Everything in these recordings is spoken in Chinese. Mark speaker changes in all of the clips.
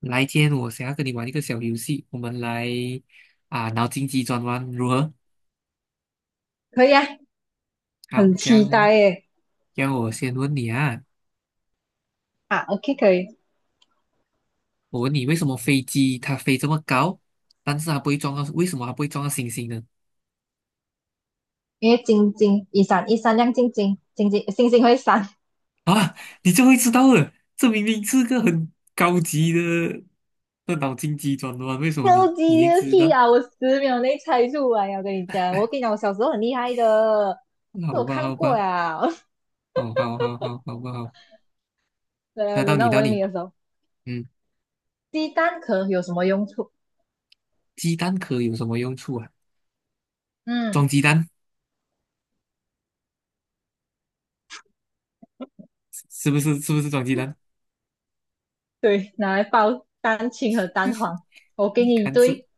Speaker 1: 来，今天我想要跟你玩一个小游戏，我们来脑筋急转弯如何？
Speaker 2: 可以啊。
Speaker 1: 好，
Speaker 2: 很
Speaker 1: 这
Speaker 2: 期
Speaker 1: 样
Speaker 2: 待耶！
Speaker 1: 让我先问你啊，
Speaker 2: 啊，OK,可以。
Speaker 1: 我问你为什么飞机它飞这么高，但是它不会撞到，为什么它不会撞到星星呢？
Speaker 2: 因为晶晶一闪一闪亮晶晶，晶晶星星会闪。
Speaker 1: 啊，你就会知道了，这明明是个很高级的脑筋急转弯，为什 么
Speaker 2: 超
Speaker 1: 你
Speaker 2: 级
Speaker 1: 你
Speaker 2: 牛
Speaker 1: 也知
Speaker 2: 屁
Speaker 1: 道？
Speaker 2: 啊！我10秒内猜出来啊，我跟你讲我小时候很厉害的，这
Speaker 1: 好
Speaker 2: 我
Speaker 1: 吧，
Speaker 2: 看
Speaker 1: 好
Speaker 2: 过
Speaker 1: 吧，
Speaker 2: 呀。
Speaker 1: 哦，好好好，好不好？那到
Speaker 2: 轮
Speaker 1: 你，
Speaker 2: 到我
Speaker 1: 到
Speaker 2: 问你
Speaker 1: 你，
Speaker 2: 的时候，
Speaker 1: 嗯，
Speaker 2: 鸡蛋壳有什么用处？
Speaker 1: 鸡蛋壳有什么用处啊？
Speaker 2: 嗯，
Speaker 1: 装鸡蛋是不是？是不是装鸡蛋？
Speaker 2: 对，拿来包蛋清和蛋黄。我给
Speaker 1: 你
Speaker 2: 你一
Speaker 1: 看这。
Speaker 2: 堆，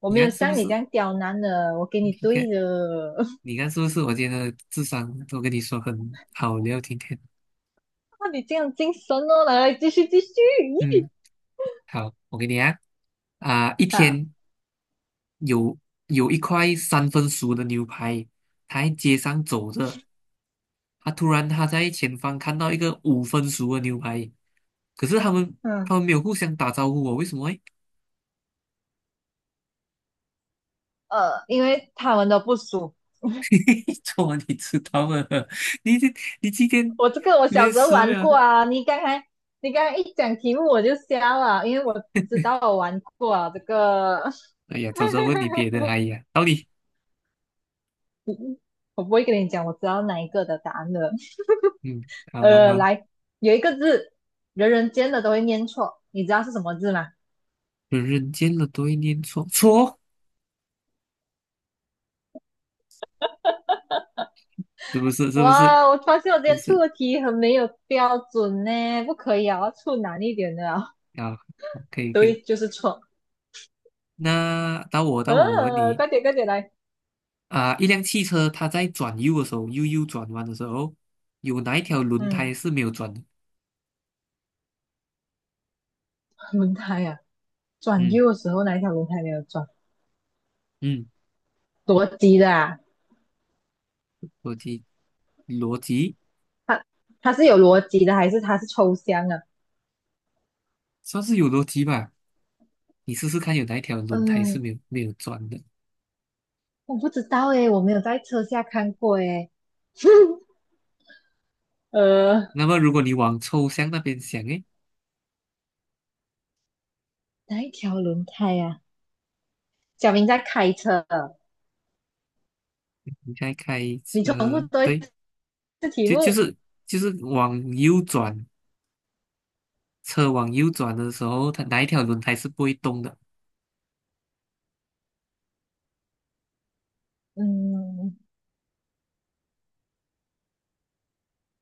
Speaker 2: 我
Speaker 1: 你
Speaker 2: 没有
Speaker 1: 看是不
Speaker 2: 像你这
Speaker 1: 是？
Speaker 2: 样刁难的，我给
Speaker 1: 你
Speaker 2: 你
Speaker 1: 看，
Speaker 2: 堆的。
Speaker 1: 你看是不是？我今天的智商都跟你说很好聊，今天。
Speaker 2: 那你这样精神哦，来来，继续继续。咦，
Speaker 1: 嗯，好，我给你啊，啊，一
Speaker 2: 啊，
Speaker 1: 天有有一块三分熟的牛排，他在街上走着，他突然在前方看到一个五分熟的牛排，可是他们
Speaker 2: 嗯。
Speaker 1: 他们没有互相打招呼哦，为什么诶？
Speaker 2: 因为他们都不熟。
Speaker 1: 昨晚你知道吗？你这你今天
Speaker 2: 我这个我小
Speaker 1: 连
Speaker 2: 时候
Speaker 1: 十
Speaker 2: 玩
Speaker 1: 秒
Speaker 2: 过
Speaker 1: 都，
Speaker 2: 啊，你刚才一讲题目我就瞎了，因为我知道我玩过啊。这个
Speaker 1: 哎呀，早知道问你别的，哎呀，到底？
Speaker 2: 我不会跟你讲，我知道哪一个的答案的。
Speaker 1: 嗯，好好好。
Speaker 2: 来，有一个字，人人见的都会念错，你知道是什么字吗？
Speaker 1: 人人间的对念错错哦，是不是？是不是？
Speaker 2: 哇，我发现我今
Speaker 1: 就
Speaker 2: 天出
Speaker 1: 是
Speaker 2: 的题很没有标准呢，不可以啊，我要出难一点的啊。
Speaker 1: 啊，好可以 可以。
Speaker 2: 对，就是错。
Speaker 1: 那到我，我问你
Speaker 2: 快点快点来。
Speaker 1: 啊，一辆汽车它在转右的时候，右转弯的时候，有哪一条轮胎
Speaker 2: 嗯，
Speaker 1: 是没有转的？
Speaker 2: 轮胎啊，转
Speaker 1: 嗯
Speaker 2: 右的时候哪一条轮胎没有转？
Speaker 1: 嗯，
Speaker 2: 逻辑的啊，
Speaker 1: 逻辑逻辑
Speaker 2: 它它是有逻辑的，还是它是抽象啊？
Speaker 1: 算是有逻辑吧。你试试看，有哪一条轮胎是
Speaker 2: 嗯，
Speaker 1: 没有转的？
Speaker 2: 我不知道诶，我没有在车下看过诶。呃，
Speaker 1: 那么如果你往抽象那边想，诶，
Speaker 2: 哪一条轮胎呀、啊？小明在开车，
Speaker 1: 你在开
Speaker 2: 你重复
Speaker 1: 车，
Speaker 2: 多一
Speaker 1: 对，
Speaker 2: 次题
Speaker 1: 就就
Speaker 2: 目。
Speaker 1: 是就是往右转。车往右转的时候，它哪一条轮胎是不会动的？
Speaker 2: 嗯，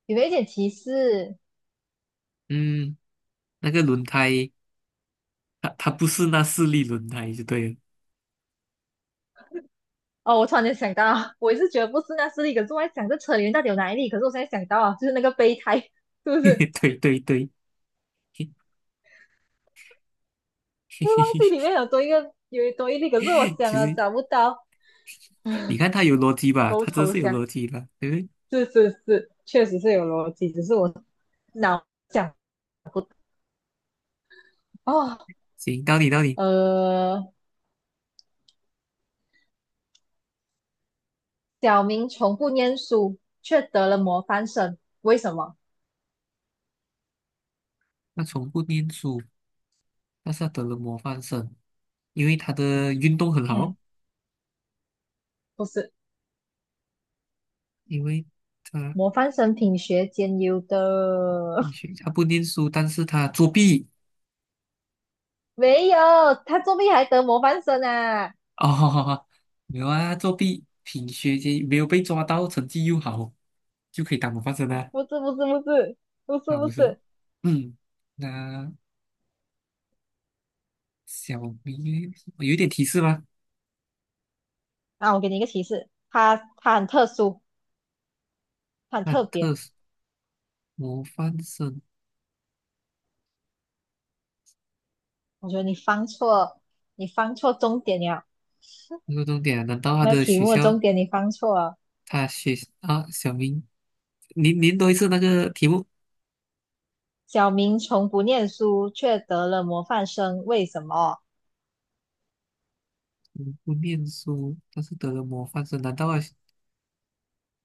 Speaker 2: 有没有一点提示？
Speaker 1: 嗯，那个轮胎，它不是那四粒轮胎就对了。
Speaker 2: 哦，我突然间想到，我也是觉得不是那是力，可是我在想这车里面到底有哪一粒？可是我现在想到啊，就是那个备胎，是不是？
Speaker 1: 对对对，
Speaker 2: 我忘记里 面有多一个，有多一粒，可是我
Speaker 1: 其
Speaker 2: 想了
Speaker 1: 实
Speaker 2: 找不到。
Speaker 1: 你看 它有逻辑吧，
Speaker 2: 够
Speaker 1: 它真
Speaker 2: 抽
Speaker 1: 是有
Speaker 2: 象。
Speaker 1: 逻辑的。对不对？
Speaker 2: 是，确实是有逻辑，只是我脑想哦。
Speaker 1: 行，到底到底，
Speaker 2: 呃，小明从不念书，却得了模范生，为什么？
Speaker 1: 那从不念书，但是他得了模范生，因为他的运动很好，
Speaker 2: 嗯，不是，
Speaker 1: 因为他
Speaker 2: 模范生品学兼优的。
Speaker 1: 并 且他不念书，但是他作弊，
Speaker 2: 没有，他作弊还得模范生啊？
Speaker 1: 哦，没有啊，作弊品学兼优没有被抓到，成绩又好，就可以当模范生啊。
Speaker 2: 不是不是不是不是
Speaker 1: 啊，
Speaker 2: 不
Speaker 1: 不是，
Speaker 2: 是，
Speaker 1: 嗯，那小明有一点提示吗？
Speaker 2: 啊，我给你一个提示，他很特殊，他很
Speaker 1: 那
Speaker 2: 特
Speaker 1: 特
Speaker 2: 别。
Speaker 1: 殊模范生
Speaker 2: 我觉得你放错，你放错重点了，
Speaker 1: 这个重点啊难道他
Speaker 2: 那
Speaker 1: 的
Speaker 2: 题
Speaker 1: 学
Speaker 2: 目的
Speaker 1: 校，
Speaker 2: 重点你放错了。
Speaker 1: 他学啊，小明，您您多一次那个题目，
Speaker 2: 小明从不念书，却得了模范生，为什么？
Speaker 1: 嗯不念书，但是得了模范生，难道啊，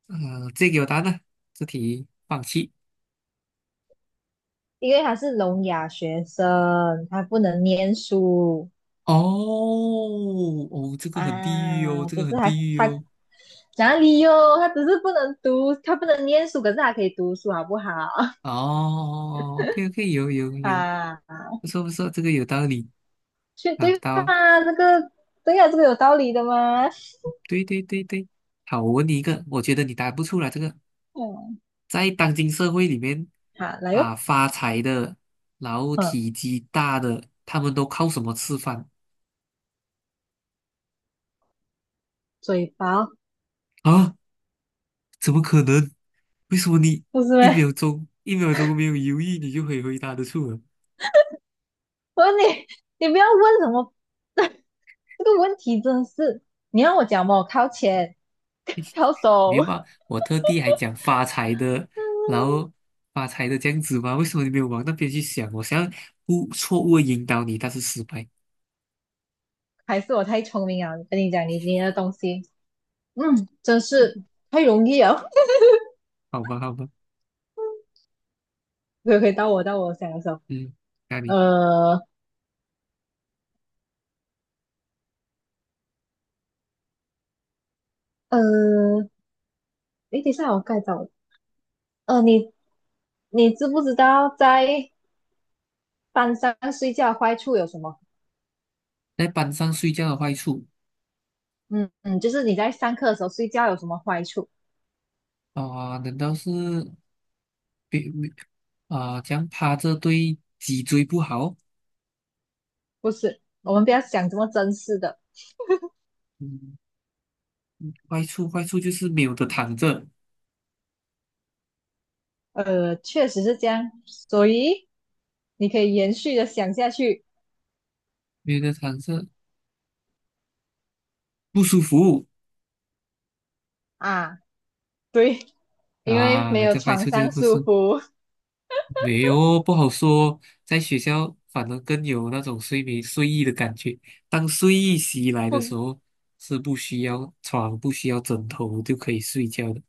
Speaker 1: 啊，这给我答案呢？这题放弃。
Speaker 2: 因为他是聋哑学生，他不能念书
Speaker 1: 哦哦，这个很地狱哦，
Speaker 2: 啊。
Speaker 1: 这
Speaker 2: 只
Speaker 1: 个
Speaker 2: 是
Speaker 1: 很
Speaker 2: 他
Speaker 1: 地狱
Speaker 2: 他
Speaker 1: 哦。
Speaker 2: 哪里哟？他只是不能读，他不能念书，可是他可以读书，好不好？
Speaker 1: 哦，OK OK,有有 有，
Speaker 2: 啊，
Speaker 1: 不错不错，这个有道理
Speaker 2: 去
Speaker 1: 啊，
Speaker 2: 对吧？
Speaker 1: 到，
Speaker 2: 这个对呀、啊这个有道理的吗？
Speaker 1: 对对对对，好，我问你一个，我觉得你答不出来这个，
Speaker 2: 嗯，
Speaker 1: 在当今社会里面
Speaker 2: 好，来
Speaker 1: 啊，
Speaker 2: 哟。
Speaker 1: 发财的，然后
Speaker 2: 嗯，
Speaker 1: 体积大的，他们都靠什么吃饭
Speaker 2: 嘴巴
Speaker 1: 啊？怎么可能？为什么你
Speaker 2: 不是
Speaker 1: 一秒
Speaker 2: 呗？
Speaker 1: 钟一秒钟没有犹豫，你就可以回答得出啊
Speaker 2: 我问你，你不要问什么。这个问题真的是，你让我讲嘛，我靠前，靠手。
Speaker 1: 没办法，我特地还讲发财的，然 后发财的这样子吗？为什么你没有往那边去想？我想要错误地引导你，但是失败。
Speaker 2: 还是我太聪明了，跟你讲，你的东西，嗯，真是太容易了。
Speaker 1: 好吧，好吧，
Speaker 2: 可以，到我想的时候。
Speaker 1: 嗯，那你
Speaker 2: 呃呃，你等一下我该找，呃，你你知不知道在班上睡觉的坏处有什么？
Speaker 1: 在班上睡觉的坏处
Speaker 2: 嗯嗯，就是你在上课的时候睡觉有什么坏处？
Speaker 1: 啊、难道是别啊、这样趴着对脊椎不好？
Speaker 2: 不是，我们不要想这么真实的。
Speaker 1: 嗯，坏处就是没有的躺着，
Speaker 2: 确实是这样，所以你可以延续的想下去
Speaker 1: 没有的躺着不舒服
Speaker 2: 啊，对，因为没
Speaker 1: 啊，
Speaker 2: 有
Speaker 1: 这坏
Speaker 2: 床
Speaker 1: 处就是
Speaker 2: 上
Speaker 1: 不
Speaker 2: 舒
Speaker 1: 舒服。
Speaker 2: 服，
Speaker 1: 没有，不好说。在学校反而更有那种睡意的感觉。当睡意袭来的时
Speaker 2: 不
Speaker 1: 候，是不需要床、不需要枕头就可以睡觉的。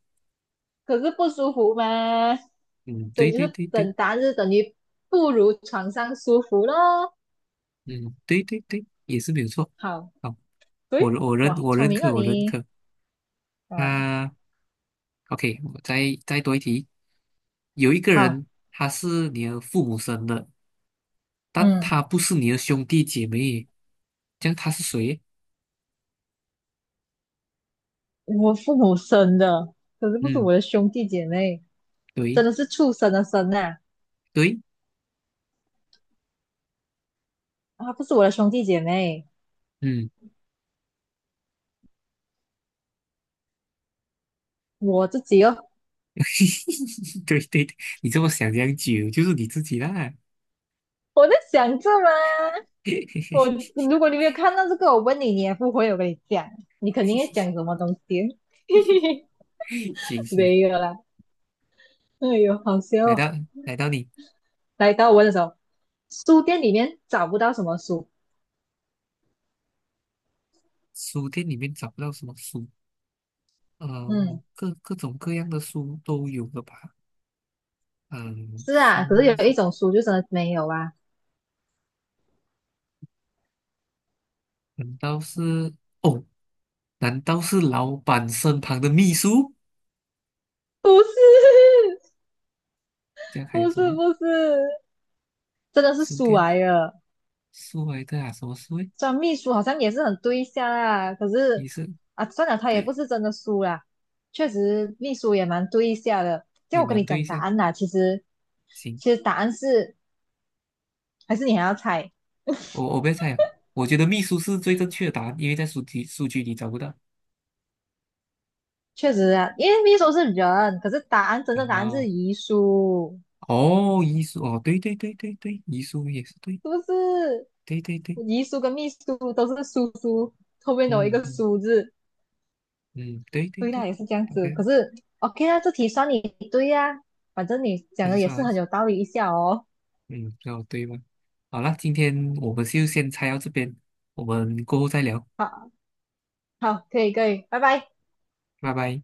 Speaker 2: 可是不舒服嘛，
Speaker 1: 嗯，
Speaker 2: 所
Speaker 1: 对
Speaker 2: 以就
Speaker 1: 对
Speaker 2: 是
Speaker 1: 对对，
Speaker 2: 等答案就是等于不如床上舒服咯。
Speaker 1: 嗯，对对对，也是没有错。
Speaker 2: 好，
Speaker 1: 好，
Speaker 2: 对，哇，
Speaker 1: 我
Speaker 2: 聪
Speaker 1: 认
Speaker 2: 明哦
Speaker 1: 可我认
Speaker 2: 你。
Speaker 1: 可。
Speaker 2: 啊，
Speaker 1: 啊，OK,我再多一题。有一个
Speaker 2: 好，
Speaker 1: 人，他是你的父母生的，但
Speaker 2: 嗯，
Speaker 1: 他不是你的兄弟姐妹，这样他是谁？
Speaker 2: 我父母生的，可是不是
Speaker 1: 嗯，
Speaker 2: 我的兄弟姐妹，真
Speaker 1: 对
Speaker 2: 的是畜生的生啊。
Speaker 1: 对，
Speaker 2: 啊，不是我的兄弟姐妹，
Speaker 1: 嗯。
Speaker 2: 我自己哦，
Speaker 1: 对对，对你这么想这样久就是你自己啦。
Speaker 2: 我在想这嘛。我， 如果你没有看到这个，我问你，你也不会，我跟你讲，你肯定会讲什么东西。
Speaker 1: 行行，
Speaker 2: 没有啦，哎呦，好笑
Speaker 1: 来
Speaker 2: 哦。
Speaker 1: 到来到你
Speaker 2: 来到我的时候，书店里面找不到什么书。
Speaker 1: 书店里面找不到什么书，呃，
Speaker 2: 嗯，
Speaker 1: 我各种各样的书都有了吧？嗯、
Speaker 2: 是
Speaker 1: 生
Speaker 2: 啊，可是有
Speaker 1: 东
Speaker 2: 一
Speaker 1: 西
Speaker 2: 种书就真的没有啊。
Speaker 1: 难道是哦？难道是老板身旁的秘书？
Speaker 2: 不是。
Speaker 1: 这样 还有
Speaker 2: 不
Speaker 1: 什
Speaker 2: 是，
Speaker 1: 么
Speaker 2: 不是，真的是
Speaker 1: 书
Speaker 2: 书
Speaker 1: 店
Speaker 2: 来了。
Speaker 1: 书来的啊？什么书诶？
Speaker 2: 虽然秘书好像也是很对象啊，可
Speaker 1: 也
Speaker 2: 是
Speaker 1: 是
Speaker 2: 啊，算了，他也
Speaker 1: 对，
Speaker 2: 不是真的书啦。确实，秘书也蛮对一下的。叫
Speaker 1: 也
Speaker 2: 我跟
Speaker 1: 蛮
Speaker 2: 你讲
Speaker 1: 对
Speaker 2: 答
Speaker 1: 象？
Speaker 2: 案啦，其实
Speaker 1: 行，
Speaker 2: 其实答案是，还是你还要猜。
Speaker 1: 我我不要猜了，我觉得秘书是最正确的答案，因为在书籍数据里找不到。
Speaker 2: 确实啊，因为秘书是人，可是答案真
Speaker 1: 啊。
Speaker 2: 正答案
Speaker 1: 哦
Speaker 2: 是遗书，
Speaker 1: 哦，遗书哦，对对对对对，遗书也是对，
Speaker 2: 是不是？
Speaker 1: 对对对，
Speaker 2: 遗书跟秘书都是叔叔后面有一
Speaker 1: 嗯
Speaker 2: 个
Speaker 1: 嗯
Speaker 2: 叔字，
Speaker 1: 嗯，对对
Speaker 2: 所以他
Speaker 1: 对
Speaker 2: 也是这样子。可
Speaker 1: ，OK,
Speaker 2: 是 OK 啊，这题算你对呀、啊反正你讲
Speaker 1: 没
Speaker 2: 的也是
Speaker 1: 啥，
Speaker 2: 很有道理一下哦。
Speaker 1: 嗯，比较对吧？好了，今天我们就先拆到这边，我们过后再聊，
Speaker 2: 好，好，可以，可以，拜拜。
Speaker 1: 拜拜。